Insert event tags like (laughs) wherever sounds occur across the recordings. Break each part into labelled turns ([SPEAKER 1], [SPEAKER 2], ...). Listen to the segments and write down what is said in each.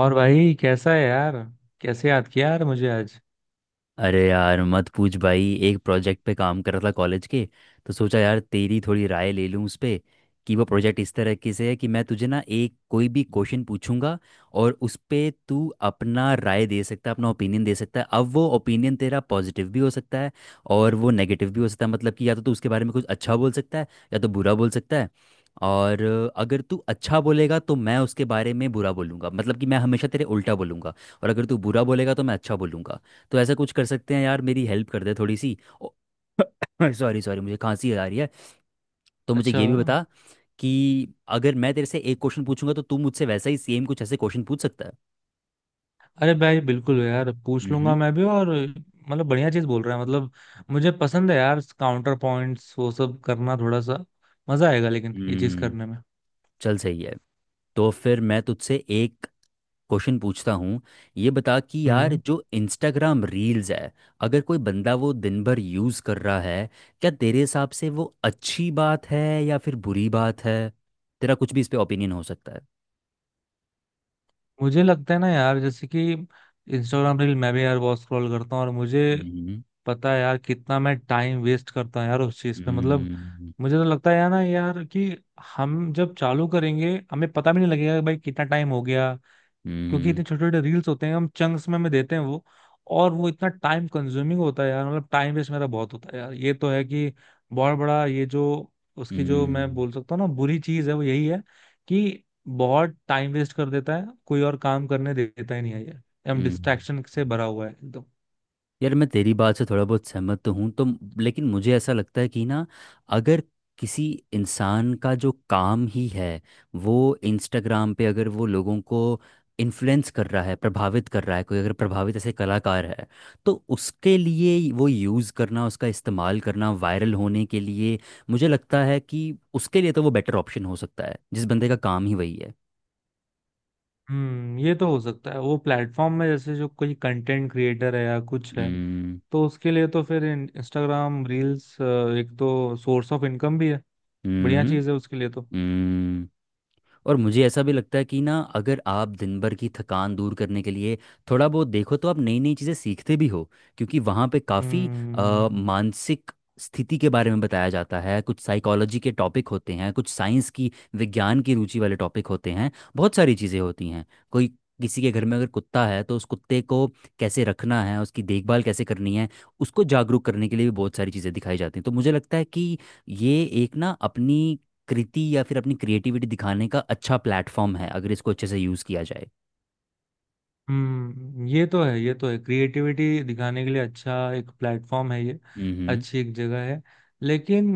[SPEAKER 1] और भाई कैसा है यार। कैसे याद किया यार मुझे आज।
[SPEAKER 2] अरे यार मत पूछ भाई। एक प्रोजेक्ट पे काम कर रहा था कॉलेज के। तो सोचा यार तेरी थोड़ी राय ले लूँ उस पे। कि वो प्रोजेक्ट इस तरह के से है कि मैं तुझे ना एक कोई भी क्वेश्चन पूछूंगा और उस पे तू अपना राय दे सकता है। अपना ओपिनियन दे सकता है। अब वो ओपिनियन तेरा पॉजिटिव भी हो सकता है और वो नेगेटिव भी हो सकता है। मतलब कि या तो तू उसके बारे में कुछ अच्छा बोल सकता है या तो बुरा बोल सकता है। और अगर तू अच्छा बोलेगा तो मैं उसके बारे में बुरा बोलूंगा। मतलब कि मैं हमेशा तेरे उल्टा बोलूंगा। और अगर तू बुरा बोलेगा तो मैं अच्छा बोलूंगा। तो ऐसा कुछ कर सकते हैं यार, मेरी हेल्प कर दे थोड़ी सी। सॉरी सॉरी, (coughs) मुझे खांसी आ रही है। तो मुझे
[SPEAKER 1] अच्छा।
[SPEAKER 2] ये भी बता कि अगर मैं तेरे से एक क्वेश्चन पूछूंगा तो तू मुझसे वैसा ही सेम कुछ ऐसे क्वेश्चन पूछ सकता है।
[SPEAKER 1] अरे भाई बिल्कुल यार, पूछ लूंगा
[SPEAKER 2] हम्म।
[SPEAKER 1] मैं भी। और मतलब बढ़िया चीज बोल रहा है मतलब। मुझे पसंद है यार काउंटर पॉइंट्स वो सब करना, थोड़ा सा मजा आएगा लेकिन ये चीज
[SPEAKER 2] हम्म,
[SPEAKER 1] करने में।
[SPEAKER 2] चल सही है। तो फिर मैं तुझसे एक क्वेश्चन पूछता हूँ। ये बता कि यार
[SPEAKER 1] हम्म।
[SPEAKER 2] जो इंस्टाग्राम रील्स है, अगर कोई बंदा वो दिन भर यूज़ कर रहा है, क्या तेरे हिसाब से वो अच्छी बात है या फिर बुरी बात है? तेरा कुछ भी इस पे ओपिनियन हो सकता
[SPEAKER 1] मुझे लगता है ना यार, जैसे कि इंस्टाग्राम रील मैं भी यार बहुत स्क्रॉल करता हूँ, और मुझे
[SPEAKER 2] है।
[SPEAKER 1] पता है यार कितना मैं टाइम वेस्ट करता हूँ यार उस चीज पे, मतलब
[SPEAKER 2] हम्म।
[SPEAKER 1] मुझे तो लगता है यार ना यार कि हम जब चालू करेंगे हमें पता भी नहीं लगेगा कि भाई कितना टाइम हो गया। क्योंकि
[SPEAKER 2] हम्म।
[SPEAKER 1] इतने छोटे छोटे रील्स होते हैं, हम चंक्स में देते हैं वो। और वो इतना टाइम कंज्यूमिंग होता है यार, मतलब टाइम वेस्ट मेरा बहुत होता है यार, ये तो है कि बहुत बड़ा ये जो उसकी जो मैं
[SPEAKER 2] हम्म।
[SPEAKER 1] बोल सकता हूँ ना बुरी चीज है वो यही है कि बहुत टाइम वेस्ट कर देता है, कोई और काम करने देता ही नहीं है ये। हम
[SPEAKER 2] हम्म।
[SPEAKER 1] डिस्ट्रैक्शन से भरा हुआ है एकदम।
[SPEAKER 2] यार मैं तेरी बात से थोड़ा बहुत सहमत तो हूँ, तो लेकिन मुझे ऐसा लगता है कि ना अगर किसी इंसान का जो काम ही है, वो इंस्टाग्राम पे अगर वो लोगों को इन्फ्लुएंस कर रहा है, प्रभावित कर रहा है, कोई अगर प्रभावित ऐसे कलाकार है, तो उसके लिए वो यूज़ करना, उसका इस्तेमाल करना वायरल होने के लिए, मुझे लगता है कि उसके लिए तो वो बेटर ऑप्शन हो सकता है, जिस बंदे का काम ही वही है।
[SPEAKER 1] हम्म, ये तो हो सकता है। वो प्लेटफॉर्म में जैसे जो कोई कंटेंट क्रिएटर है या कुछ है
[SPEAKER 2] हम्म।
[SPEAKER 1] तो उसके लिए तो फिर इंस्टाग्राम रील्स एक तो सोर्स ऑफ इनकम भी है, बढ़िया चीज है उसके लिए तो।
[SPEAKER 2] हम्म। और मुझे ऐसा भी लगता है कि ना अगर आप दिन भर की थकान दूर करने के लिए थोड़ा बहुत देखो, तो आप नई नई चीज़ें सीखते भी हो। क्योंकि वहाँ पे काफ़ी
[SPEAKER 1] हम्म
[SPEAKER 2] मानसिक स्थिति के बारे में बताया जाता है, कुछ साइकोलॉजी के टॉपिक होते हैं, कुछ साइंस की, विज्ञान की रुचि वाले टॉपिक होते हैं, बहुत सारी चीज़ें होती हैं। कोई, किसी के घर में अगर कुत्ता है तो उस कुत्ते को कैसे रखना है, उसकी देखभाल कैसे करनी है, उसको जागरूक करने के लिए भी बहुत सारी चीज़ें दिखाई जाती हैं। तो मुझे लगता है कि ये एक ना अपनी कृति या फिर अपनी क्रिएटिविटी दिखाने का अच्छा प्लेटफॉर्म है, अगर इसको अच्छे से यूज़ किया जाए।
[SPEAKER 1] हम्म, ये तो है, ये तो है, क्रिएटिविटी दिखाने के लिए अच्छा एक प्लेटफॉर्म है ये,
[SPEAKER 2] हम्म।
[SPEAKER 1] अच्छी एक जगह है। लेकिन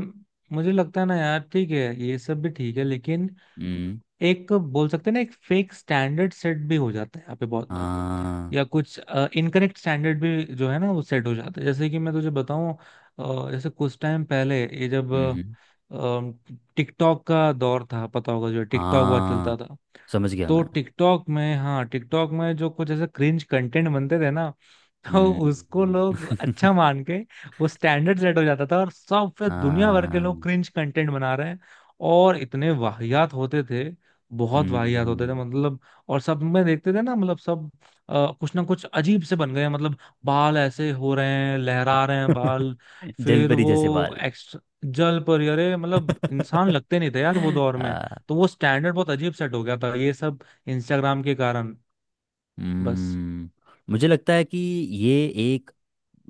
[SPEAKER 1] मुझे लगता है ना यार, ठीक है ये सब भी ठीक है लेकिन
[SPEAKER 2] हम्म।
[SPEAKER 1] एक बोल सकते हैं ना, एक फेक स्टैंडर्ड सेट भी हो जाता है यहाँ पे बहुत बार।
[SPEAKER 2] हाँ।
[SPEAKER 1] या कुछ इनकरेक्ट स्टैंडर्ड भी जो है ना वो सेट हो जाता है। जैसे कि मैं तुझे बताऊं, जैसे कुछ टाइम पहले ये जब
[SPEAKER 2] हम्म।
[SPEAKER 1] टिकटॉक का दौर था, पता होगा, जो टिकटॉक हुआ
[SPEAKER 2] हाँ,
[SPEAKER 1] चलता था।
[SPEAKER 2] समझ गया
[SPEAKER 1] तो
[SPEAKER 2] मैं।
[SPEAKER 1] टिकटॉक में, हाँ, टिकटॉक में जो कुछ ऐसे क्रिंज कंटेंट बनते थे ना, तो उसको
[SPEAKER 2] हम्म।
[SPEAKER 1] लोग अच्छा मान के वो स्टैंडर्ड सेट हो जाता था, और सब फिर
[SPEAKER 2] (laughs)
[SPEAKER 1] दुनिया भर के लोग
[SPEAKER 2] हाँ।
[SPEAKER 1] क्रिंज कंटेंट बना रहे हैं। और इतने वाहियात होते थे, बहुत वाहियात होते थे
[SPEAKER 2] हम्म।
[SPEAKER 1] मतलब। और सब में देखते थे ना, मतलब सब कुछ ना कुछ अजीब से बन गए हैं, मतलब बाल ऐसे हो रहे हैं, लहरा रहे हैं
[SPEAKER 2] (laughs)
[SPEAKER 1] बाल। फिर
[SPEAKER 2] जलपरी
[SPEAKER 1] वो
[SPEAKER 2] जैसे बाल।
[SPEAKER 1] एक्स, जल पर, अरे मतलब
[SPEAKER 2] (laughs)
[SPEAKER 1] इंसान लगते नहीं थे यार वो दौर में।
[SPEAKER 2] आ,
[SPEAKER 1] तो वो स्टैंडर्ड बहुत अजीब सेट हो गया था, ये सब इंस्टाग्राम के कारण, बस।
[SPEAKER 2] हम्म, मुझे लगता है कि ये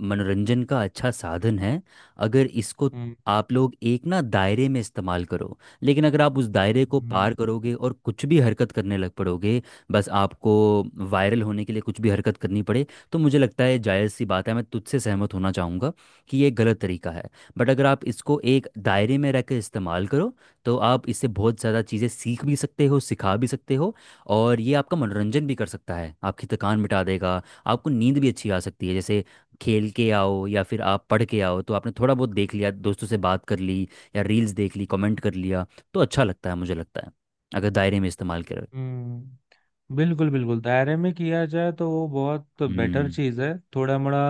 [SPEAKER 2] मनोरंजन का अच्छा साधन है, अगर इसको
[SPEAKER 1] हम्म
[SPEAKER 2] आप लोग एक ना दायरे में इस्तेमाल करो। लेकिन अगर आप उस दायरे को
[SPEAKER 1] हम्म
[SPEAKER 2] पार करोगे और कुछ भी हरकत करने लग पड़ोगे, बस आपको वायरल होने के लिए कुछ भी हरकत करनी पड़े, तो मुझे लगता है जायज़ सी बात है, मैं तुझसे सहमत होना चाहूँगा कि ये गलत तरीका है। बट अगर आप इसको एक दायरे में रहकर इस्तेमाल करो, तो आप इससे बहुत ज़्यादा चीज़ें सीख भी सकते हो, सिखा भी सकते हो। और ये आपका मनोरंजन भी कर सकता है, आपकी थकान मिटा देगा, आपको नींद भी अच्छी आ सकती है। जैसे खेल के आओ या फिर आप पढ़ के आओ, तो आपने थोड़ा बहुत देख लिया, दोस्तों से बात कर ली, या रील्स देख ली, कमेंट कर लिया, तो अच्छा लगता है, मुझे लगता है, अगर दायरे में इस्तेमाल करें।
[SPEAKER 1] हम्म। बिल्कुल बिल्कुल, दायरे में किया जाए तो वो बहुत बेटर
[SPEAKER 2] हम्म।
[SPEAKER 1] चीज़ है, थोड़ा मोड़ा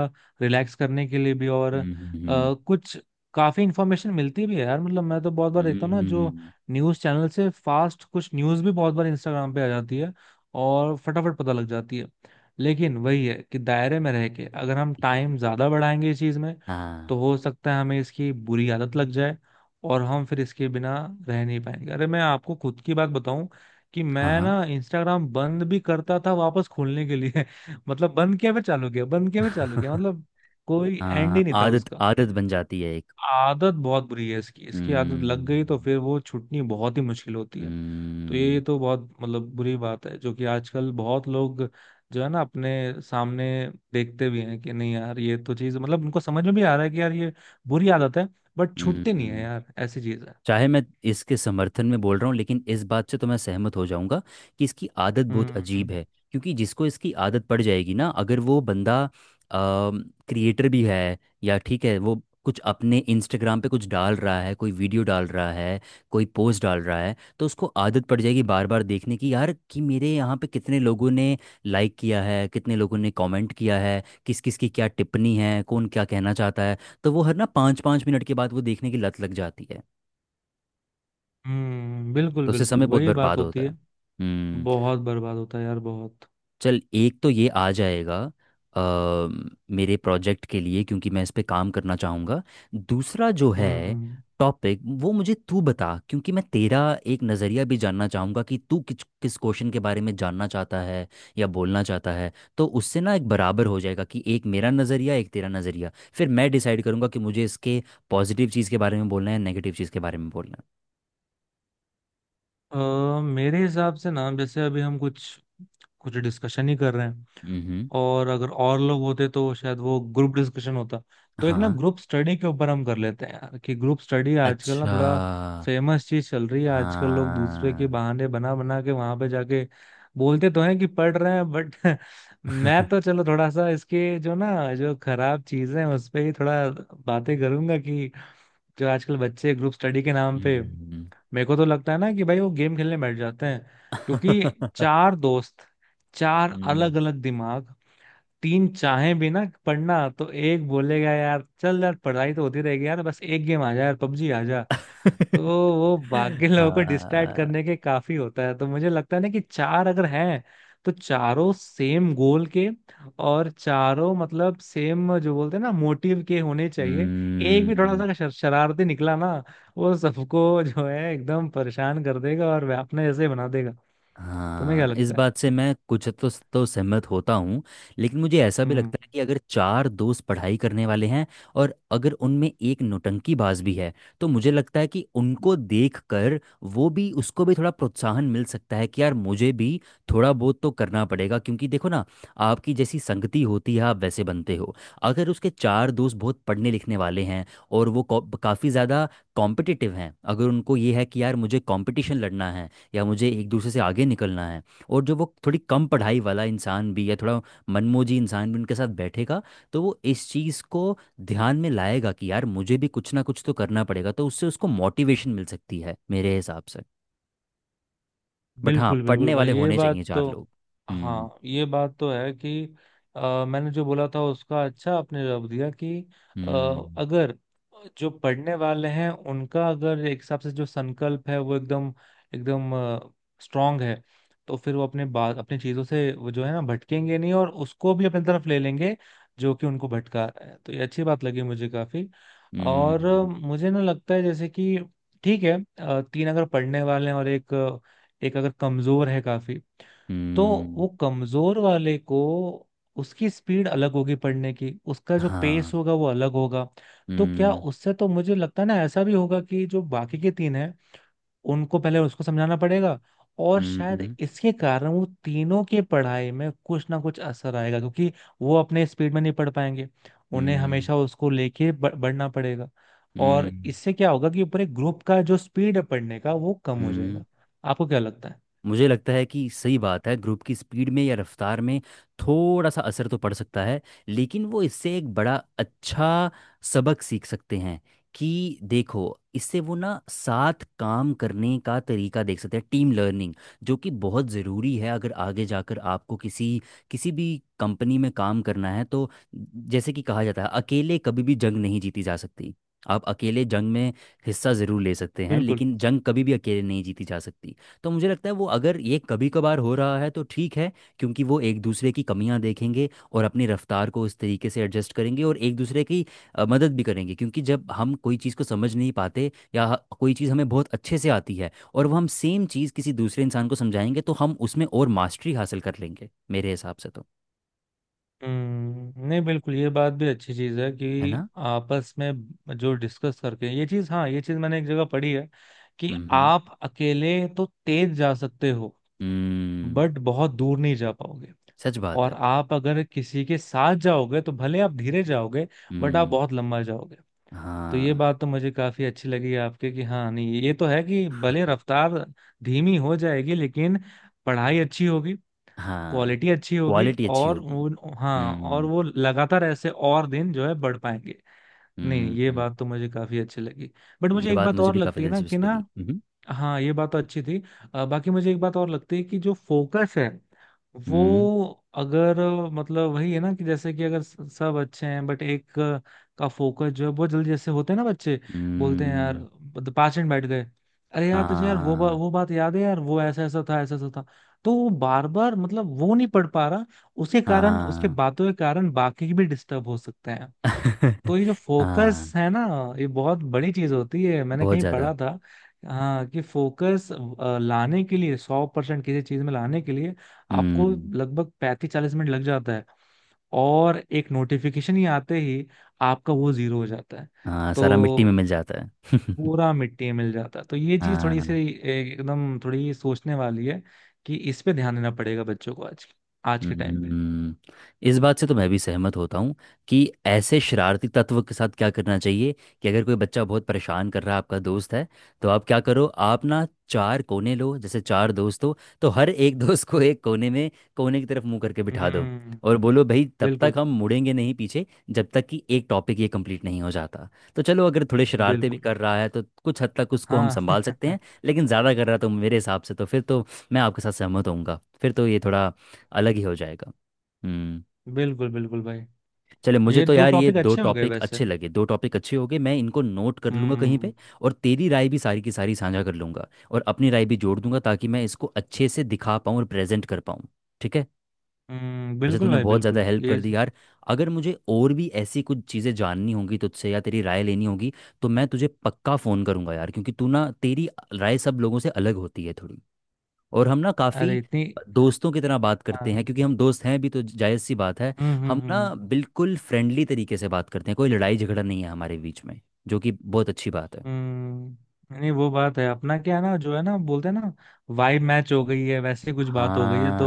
[SPEAKER 1] रिलैक्स करने के लिए भी। और
[SPEAKER 2] हम्म। हम्म।
[SPEAKER 1] कुछ काफ़ी इन्फॉर्मेशन मिलती भी है यार, मतलब मैं तो बहुत बार देखता हूँ ना, जो
[SPEAKER 2] हम्म।
[SPEAKER 1] न्यूज़ चैनल से फास्ट कुछ न्यूज़ भी बहुत बार इंस्टाग्राम पे आ जाती है और फटाफट पता लग जाती है। लेकिन वही है कि दायरे में रह के अगर हम टाइम ज़्यादा बढ़ाएंगे इस चीज़ में
[SPEAKER 2] हाँ
[SPEAKER 1] तो हो सकता है हमें इसकी बुरी आदत लग जाए, और हम फिर इसके बिना रह नहीं पाएंगे। अरे मैं आपको खुद की बात बताऊं, कि
[SPEAKER 2] हाँ।
[SPEAKER 1] मैं
[SPEAKER 2] हाँ।
[SPEAKER 1] ना इंस्टाग्राम बंद भी करता था वापस खोलने के लिए, (laughs) मतलब बंद किया फिर चालू किया, बंद किया फिर चालू किया,
[SPEAKER 2] (laughs)
[SPEAKER 1] मतलब कोई एंड
[SPEAKER 2] हाँ,
[SPEAKER 1] ही नहीं था
[SPEAKER 2] आदत
[SPEAKER 1] उसका।
[SPEAKER 2] आदत बन जाती है एक।
[SPEAKER 1] आदत बहुत बुरी है इसकी, इसकी आदत लग
[SPEAKER 2] हम्म।
[SPEAKER 1] गई तो फिर वो छूटनी बहुत ही मुश्किल होती है। तो ये
[SPEAKER 2] हम्म।
[SPEAKER 1] तो बहुत मतलब बुरी बात है, जो कि आजकल बहुत लोग जो है ना अपने सामने देखते भी हैं कि नहीं यार ये तो चीज, मतलब उनको समझ में भी आ रहा है कि यार ये बुरी आदत है, बट छूटती नहीं है
[SPEAKER 2] हम्म।
[SPEAKER 1] यार, ऐसी चीज है।
[SPEAKER 2] चाहे मैं इसके समर्थन में बोल रहा हूँ, लेकिन इस बात से तो मैं सहमत हो जाऊंगा कि इसकी आदत बहुत अजीब
[SPEAKER 1] हम्म
[SPEAKER 2] है। क्योंकि जिसको इसकी आदत पड़ जाएगी ना, अगर वो बंदा क्रिएटर भी है, या ठीक है वो कुछ अपने इंस्टाग्राम पे कुछ डाल रहा है, कोई वीडियो डाल रहा है, कोई पोस्ट डाल रहा है, तो उसको आदत पड़ जाएगी बार बार देखने की यार, कि मेरे यहाँ पे कितने लोगों ने लाइक किया है, कितने लोगों ने कमेंट किया है, किस किस की क्या टिप्पणी है, कौन क्या कहना चाहता है। तो वो हर ना पाँच पाँच मिनट के बाद वो देखने की लत लग जाती है।
[SPEAKER 1] हम्म, बिल्कुल
[SPEAKER 2] तो उससे
[SPEAKER 1] बिल्कुल
[SPEAKER 2] समय बहुत
[SPEAKER 1] वही बात
[SPEAKER 2] बर्बाद होता
[SPEAKER 1] होती
[SPEAKER 2] है।
[SPEAKER 1] है।
[SPEAKER 2] हम्म।
[SPEAKER 1] बहुत बर्बाद होता है यार, बहुत।
[SPEAKER 2] चल एक तो ये आ जाएगा अ, मेरे प्रोजेक्ट के लिए, क्योंकि मैं इस पे काम करना चाहूँगा। दूसरा जो है
[SPEAKER 1] हम्म।
[SPEAKER 2] टॉपिक, वो मुझे तू बता, क्योंकि मैं तेरा एक नज़रिया भी जानना चाहूँगा कि तू किस किस क्वेश्चन के बारे में जानना चाहता है या बोलना चाहता है। तो उससे ना एक बराबर हो जाएगा कि एक मेरा नज़रिया, एक तेरा नज़रिया, फिर मैं डिसाइड करूँगा कि मुझे इसके पॉजिटिव चीज़ के बारे में बोलना है, नेगेटिव चीज़ के बारे में बोलना
[SPEAKER 1] मेरे हिसाब से ना, जैसे अभी हम कुछ कुछ डिस्कशन ही कर रहे हैं,
[SPEAKER 2] है। हम्म।
[SPEAKER 1] और अगर और लोग होते तो शायद वो ग्रुप डिस्कशन होता। तो एक ना
[SPEAKER 2] हाँ।
[SPEAKER 1] ग्रुप स्टडी के ऊपर हम कर लेते हैं यार, कि ग्रुप स्टडी आजकल ना
[SPEAKER 2] अच्छा।
[SPEAKER 1] थोड़ा फेमस चीज चल रही है। आजकल लोग दूसरे के
[SPEAKER 2] हाँ।
[SPEAKER 1] बहाने बना बना के वहां पे जाके बोलते तो हैं कि पढ़ रहे हैं बट (laughs) मैं तो चलो थोड़ा सा इसके जो ना जो खराब चीजें हैं उस पे ही थोड़ा बातें करूंगा। कि जो आजकल बच्चे ग्रुप स्टडी के नाम पे,
[SPEAKER 2] हम्म।
[SPEAKER 1] मेरे को तो लगता है ना कि भाई वो गेम खेलने बैठ जाते हैं।
[SPEAKER 2] (laughs)
[SPEAKER 1] क्योंकि चार दोस्त, चार
[SPEAKER 2] हम्म।
[SPEAKER 1] अलग अलग दिमाग, तीन चाहें भी ना पढ़ना तो एक बोलेगा यार चल यार पढ़ाई तो होती रहेगी यार, बस एक गेम आ जा यार पबजी आ जा। तो
[SPEAKER 2] (laughs)
[SPEAKER 1] वो बाकी (laughs) लोगों को डिस्ट्रैक्ट
[SPEAKER 2] हाँ।
[SPEAKER 1] करने के काफी होता है। तो मुझे लगता है ना कि चार अगर हैं तो चारों सेम गोल के, और चारों मतलब सेम, जो बोलते हैं ना, मोटिव के होने चाहिए। एक भी थोड़ा सा
[SPEAKER 2] हम्म,
[SPEAKER 1] अगर शरारती निकला ना, वो सबको (laughs) जो है एकदम परेशान कर देगा और वे अपने जैसे बना देगा। तुम्हें क्या
[SPEAKER 2] हाँ इस
[SPEAKER 1] लगता है?
[SPEAKER 2] बात से मैं कुछ तो सहमत होता हूँ। लेकिन मुझे ऐसा भी
[SPEAKER 1] हम्म
[SPEAKER 2] लगता है कि अगर चार दोस्त पढ़ाई करने वाले हैं, और अगर उनमें एक नौटंकीबाज भी है, तो मुझे लगता है कि उनको देख कर वो भी, उसको भी थोड़ा प्रोत्साहन मिल सकता है कि यार मुझे भी थोड़ा बहुत तो करना पड़ेगा। क्योंकि देखो ना, आपकी जैसी संगति होती है आप वैसे बनते हो। अगर उसके चार दोस्त बहुत पढ़ने लिखने वाले हैं और वो काफ़ी ज़्यादा कॉम्पिटिटिव हैं, अगर उनको ये है कि यार मुझे कॉम्पिटिशन लड़ना है या मुझे एक दूसरे से आगे निकलना है, और जो वो थोड़ी कम पढ़ाई वाला इंसान भी या थोड़ा मनमोजी इंसान भी उनके साथ बैठेगा, तो वो इस चीज़ को ध्यान में लाएगा कि यार मुझे भी कुछ ना कुछ तो करना पड़ेगा, तो उससे उसको मोटिवेशन मिल सकती है मेरे हिसाब से। बट हाँ,
[SPEAKER 1] बिल्कुल बिल्कुल
[SPEAKER 2] पढ़ने
[SPEAKER 1] भाई,
[SPEAKER 2] वाले
[SPEAKER 1] ये
[SPEAKER 2] होने
[SPEAKER 1] बात
[SPEAKER 2] चाहिए चार
[SPEAKER 1] तो।
[SPEAKER 2] लोग। हम्म।
[SPEAKER 1] हाँ, ये बात तो है कि मैंने जो बोला था उसका अच्छा आपने जवाब दिया, कि अ,
[SPEAKER 2] हम्म।
[SPEAKER 1] अगर जो पढ़ने वाले हैं उनका अगर एक हिसाब से जो संकल्प है वो एकदम एकदम स्ट्रांग है, तो फिर वो अपने बात अपनी चीजों से वो जो है ना भटकेंगे नहीं, और उसको भी अपनी तरफ ले लेंगे जो कि उनको भटका रहा है। तो ये अच्छी बात लगी मुझे काफी। और
[SPEAKER 2] हम्म।
[SPEAKER 1] मुझे ना लगता है, जैसे कि ठीक है, तीन अगर पढ़ने वाले हैं और एक, एक अगर कमजोर है काफी, तो
[SPEAKER 2] हम्म।
[SPEAKER 1] वो कमजोर वाले को, उसकी स्पीड अलग होगी पढ़ने की, उसका जो पेस
[SPEAKER 2] हाँ।
[SPEAKER 1] होगा वो अलग होगा। तो क्या
[SPEAKER 2] हम्म।
[SPEAKER 1] उससे तो मुझे लगता है ना ऐसा भी होगा कि जो बाकी के तीन हैं उनको पहले उसको समझाना पड़ेगा, और शायद
[SPEAKER 2] हम्म।
[SPEAKER 1] इसके कारण वो तीनों के पढ़ाई में कुछ ना कुछ असर आएगा, क्योंकि वो अपने स्पीड में नहीं पढ़ पाएंगे, उन्हें
[SPEAKER 2] हम्म।
[SPEAKER 1] हमेशा उसको लेके बढ़ना पड़ेगा। और
[SPEAKER 2] हम्म।
[SPEAKER 1] इससे क्या होगा कि पूरे ग्रुप का जो स्पीड है पढ़ने का वो कम हो
[SPEAKER 2] हम्म।
[SPEAKER 1] जाएगा। आपको क्या लगता है?
[SPEAKER 2] मुझे लगता है कि सही बात है, ग्रुप की स्पीड में या रफ्तार में थोड़ा सा असर तो पड़ सकता है। लेकिन वो इससे एक बड़ा अच्छा सबक सीख सकते हैं। कि देखो, इससे वो ना साथ काम करने का तरीका देख सकते हैं, टीम लर्निंग, जो कि बहुत ज़रूरी है अगर आगे जाकर आपको किसी, किसी भी कंपनी में काम करना है तो। जैसे कि कहा जाता है, अकेले कभी भी जंग नहीं जीती जा सकती। आप अकेले जंग में हिस्सा ज़रूर ले सकते हैं,
[SPEAKER 1] बिल्कुल।
[SPEAKER 2] लेकिन जंग कभी भी अकेले नहीं जीती जा सकती। तो मुझे लगता है वो, अगर ये कभी कभार हो रहा है तो ठीक है। क्योंकि वो एक दूसरे की कमियां देखेंगे और अपनी रफ्तार को उस तरीके से एडजस्ट करेंगे, और एक दूसरे की मदद भी करेंगे। क्योंकि जब हम कोई चीज़ को समझ नहीं पाते, या कोई चीज़ हमें बहुत अच्छे से आती है, और वो हम सेम चीज़ किसी दूसरे इंसान को समझाएंगे, तो हम उसमें और मास्टरी हासिल कर लेंगे मेरे हिसाब से तो।
[SPEAKER 1] हम्म, नहीं बिल्कुल, ये बात भी अच्छी चीज है कि
[SPEAKER 2] है ना?
[SPEAKER 1] आपस में जो डिस्कस करके ये चीज, हाँ ये चीज मैंने एक जगह पढ़ी है कि
[SPEAKER 2] हम्म।
[SPEAKER 1] आप अकेले तो तेज जा सकते हो,
[SPEAKER 2] हम्म।
[SPEAKER 1] बट बहुत दूर नहीं जा पाओगे।
[SPEAKER 2] सच बात है।
[SPEAKER 1] और आप अगर किसी के साथ जाओगे तो भले आप धीरे जाओगे, बट आप
[SPEAKER 2] हम्म।
[SPEAKER 1] बहुत लंबा जाओगे। तो ये
[SPEAKER 2] हाँ।
[SPEAKER 1] बात तो मुझे काफी अच्छी लगी आपके। कि हाँ नहीं, ये तो है कि भले रफ्तार धीमी हो जाएगी लेकिन पढ़ाई अच्छी होगी,
[SPEAKER 2] हाँ।
[SPEAKER 1] क्वालिटी अच्छी होगी,
[SPEAKER 2] क्वालिटी अच्छी
[SPEAKER 1] और
[SPEAKER 2] होगी।
[SPEAKER 1] उन, हाँ और
[SPEAKER 2] हम्म।
[SPEAKER 1] वो लगातार ऐसे और दिन जो है बढ़ पाएंगे।
[SPEAKER 2] हम्म।
[SPEAKER 1] नहीं ये
[SPEAKER 2] हम्म।
[SPEAKER 1] बात तो मुझे काफी अच्छी लगी। बट मुझे
[SPEAKER 2] ये
[SPEAKER 1] एक
[SPEAKER 2] बात
[SPEAKER 1] बात
[SPEAKER 2] मुझे
[SPEAKER 1] और
[SPEAKER 2] भी काफी
[SPEAKER 1] लगती है ना कि
[SPEAKER 2] दिलचस्प लगी।
[SPEAKER 1] ना,
[SPEAKER 2] मम्म।
[SPEAKER 1] हाँ ये बात तो अच्छी थी। बाकी मुझे एक बात और लगती है कि जो फोकस है, वो
[SPEAKER 2] हम्म।
[SPEAKER 1] अगर मतलब वही है ना कि जैसे कि अगर सब अच्छे हैं बट एक का फोकस जो है बहुत जल्दी, जैसे होते हैं ना बच्चे, बोलते हैं यार
[SPEAKER 2] हम्म।
[SPEAKER 1] मतलब 5 मिनट बैठ गए, अरे यार तुझे यार वो
[SPEAKER 2] हाँ।
[SPEAKER 1] वो बात याद है यार, वो ऐसा ऐसा था ऐसा ऐसा था। तो वो बार बार, मतलब वो नहीं पढ़ पा रहा, उसके कारण उसके
[SPEAKER 2] हाँ।
[SPEAKER 1] बातों के कारण बाकी भी डिस्टर्ब हो सकते हैं।
[SPEAKER 2] (laughs)
[SPEAKER 1] तो ये जो
[SPEAKER 2] हाँ।
[SPEAKER 1] फोकस है ना, ये बहुत बड़ी चीज होती है, मैंने
[SPEAKER 2] बहुत
[SPEAKER 1] कहीं
[SPEAKER 2] ज्यादा।
[SPEAKER 1] पढ़ा था। हाँ, कि फोकस लाने के लिए, 100% किसी चीज में लाने के लिए आपको
[SPEAKER 2] हम्म।
[SPEAKER 1] लगभग 35-40 मिनट लग जाता है, और एक नोटिफिकेशन ही आते ही आपका वो जीरो हो जाता है।
[SPEAKER 2] हाँ, सारा मिट्टी में
[SPEAKER 1] तो
[SPEAKER 2] मिल जाता है। (laughs)
[SPEAKER 1] पूरा मिट्टी में मिल जाता है। तो ये चीज थोड़ी सी
[SPEAKER 2] हाँ।
[SPEAKER 1] एकदम थोड़ी सोचने वाली है, कि इस पे ध्यान देना पड़ेगा बच्चों को, आज, आज के टाइम पे।
[SPEAKER 2] हम्म, इस बात से तो मैं भी सहमत होता हूँ कि ऐसे शरारती तत्व के साथ क्या करना चाहिए। कि अगर कोई बच्चा बहुत परेशान कर रहा है, आपका दोस्त है, तो आप क्या करो? आप ना चार कोने लो, जैसे चार दोस्त हो, तो हर एक (laughs) दोस्त को एक कोने में, कोने की तरफ मुंह करके बिठा दो।
[SPEAKER 1] हम्म,
[SPEAKER 2] और बोलो भाई तब तक
[SPEAKER 1] बिल्कुल
[SPEAKER 2] हम मुड़ेंगे नहीं पीछे, जब तक कि एक टॉपिक ये कंप्लीट नहीं हो जाता। तो चलो, अगर थोड़े शरारते भी
[SPEAKER 1] बिल्कुल।
[SPEAKER 2] कर रहा है तो कुछ हद तक उसको हम
[SPEAKER 1] हाँ
[SPEAKER 2] संभाल सकते हैं।
[SPEAKER 1] (laughs)
[SPEAKER 2] लेकिन ज़्यादा कर रहा है तो मेरे हिसाब से तो फिर तो मैं आपके साथ सहमत होऊंगा, फिर तो ये थोड़ा अलग ही हो जाएगा। हम्म।
[SPEAKER 1] बिल्कुल बिल्कुल भाई।
[SPEAKER 2] चले, मुझे
[SPEAKER 1] ये
[SPEAKER 2] तो
[SPEAKER 1] दो
[SPEAKER 2] यार ये
[SPEAKER 1] टॉपिक
[SPEAKER 2] दो
[SPEAKER 1] अच्छे हो गए
[SPEAKER 2] टॉपिक
[SPEAKER 1] वैसे।
[SPEAKER 2] अच्छे लगे, दो टॉपिक अच्छे हो गए, मैं इनको नोट कर लूँगा कहीं पे।
[SPEAKER 1] हम्म
[SPEAKER 2] और तेरी राय भी सारी की सारी साझा कर लूँगा, और अपनी राय भी जोड़ दूंगा, ताकि मैं इसको अच्छे से दिखा पाऊँ और प्रेजेंट कर पाऊँ। ठीक है।
[SPEAKER 1] हम्म,
[SPEAKER 2] वैसे
[SPEAKER 1] बिल्कुल
[SPEAKER 2] तूने
[SPEAKER 1] भाई
[SPEAKER 2] बहुत ज़्यादा
[SPEAKER 1] बिल्कुल
[SPEAKER 2] हेल्प
[SPEAKER 1] ये।
[SPEAKER 2] कर दी यार। अगर मुझे और भी ऐसी कुछ चीज़ें जाननी होंगी तुझसे या तेरी राय लेनी होगी, तो मैं तुझे पक्का फ़ोन करूँगा यार। क्योंकि तू ना, तेरी राय सब लोगों से अलग होती है थोड़ी। और हम ना
[SPEAKER 1] अरे
[SPEAKER 2] काफ़ी
[SPEAKER 1] इतनी।
[SPEAKER 2] दोस्तों की तरह बात करते हैं,
[SPEAKER 1] हाँ।
[SPEAKER 2] क्योंकि हम दोस्त हैं भी, तो जायज़ सी बात है। हम
[SPEAKER 1] हम्म।
[SPEAKER 2] ना बिल्कुल फ्रेंडली तरीके से बात करते हैं, कोई लड़ाई झगड़ा नहीं है हमारे बीच में, जो कि बहुत अच्छी बात है।
[SPEAKER 1] हम्म, नहीं वो बात है, अपना क्या है ना, जो है ना बोलते हैं ना, वाइब मैच हो गई है, वैसे कुछ बात हो गई है तो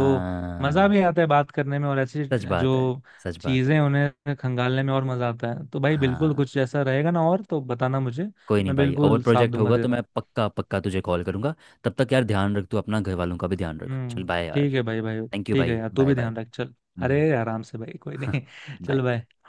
[SPEAKER 1] मजा भी आता है बात करने में, और ऐसी
[SPEAKER 2] सच बात है।
[SPEAKER 1] जो
[SPEAKER 2] सच बात है।
[SPEAKER 1] चीजें उन्हें खंगालने में और मजा आता है। तो भाई बिल्कुल
[SPEAKER 2] हाँ।
[SPEAKER 1] कुछ ऐसा रहेगा, ना और तो बताना मुझे।
[SPEAKER 2] कोई नहीं
[SPEAKER 1] मैं
[SPEAKER 2] भाई, और
[SPEAKER 1] बिल्कुल साथ
[SPEAKER 2] प्रोजेक्ट
[SPEAKER 1] दूंगा
[SPEAKER 2] होगा तो
[SPEAKER 1] तेरा।
[SPEAKER 2] मैं पक्का पक्का तुझे कॉल करूँगा। तब तक यार ध्यान रख, तू अपना घर वालों का भी ध्यान रख। चल
[SPEAKER 1] हम्म।
[SPEAKER 2] बाय
[SPEAKER 1] ठीक
[SPEAKER 2] यार।
[SPEAKER 1] है भाई भाई।
[SPEAKER 2] थैंक यू
[SPEAKER 1] ठीक है
[SPEAKER 2] भाई।
[SPEAKER 1] यार, तू
[SPEAKER 2] बाय
[SPEAKER 1] भी
[SPEAKER 2] बाय।
[SPEAKER 1] ध्यान रख, चल। अरे
[SPEAKER 2] हम्म।
[SPEAKER 1] आराम से भाई, कोई नहीं।
[SPEAKER 2] (laughs)
[SPEAKER 1] (laughs) चल
[SPEAKER 2] बाय।
[SPEAKER 1] भाई।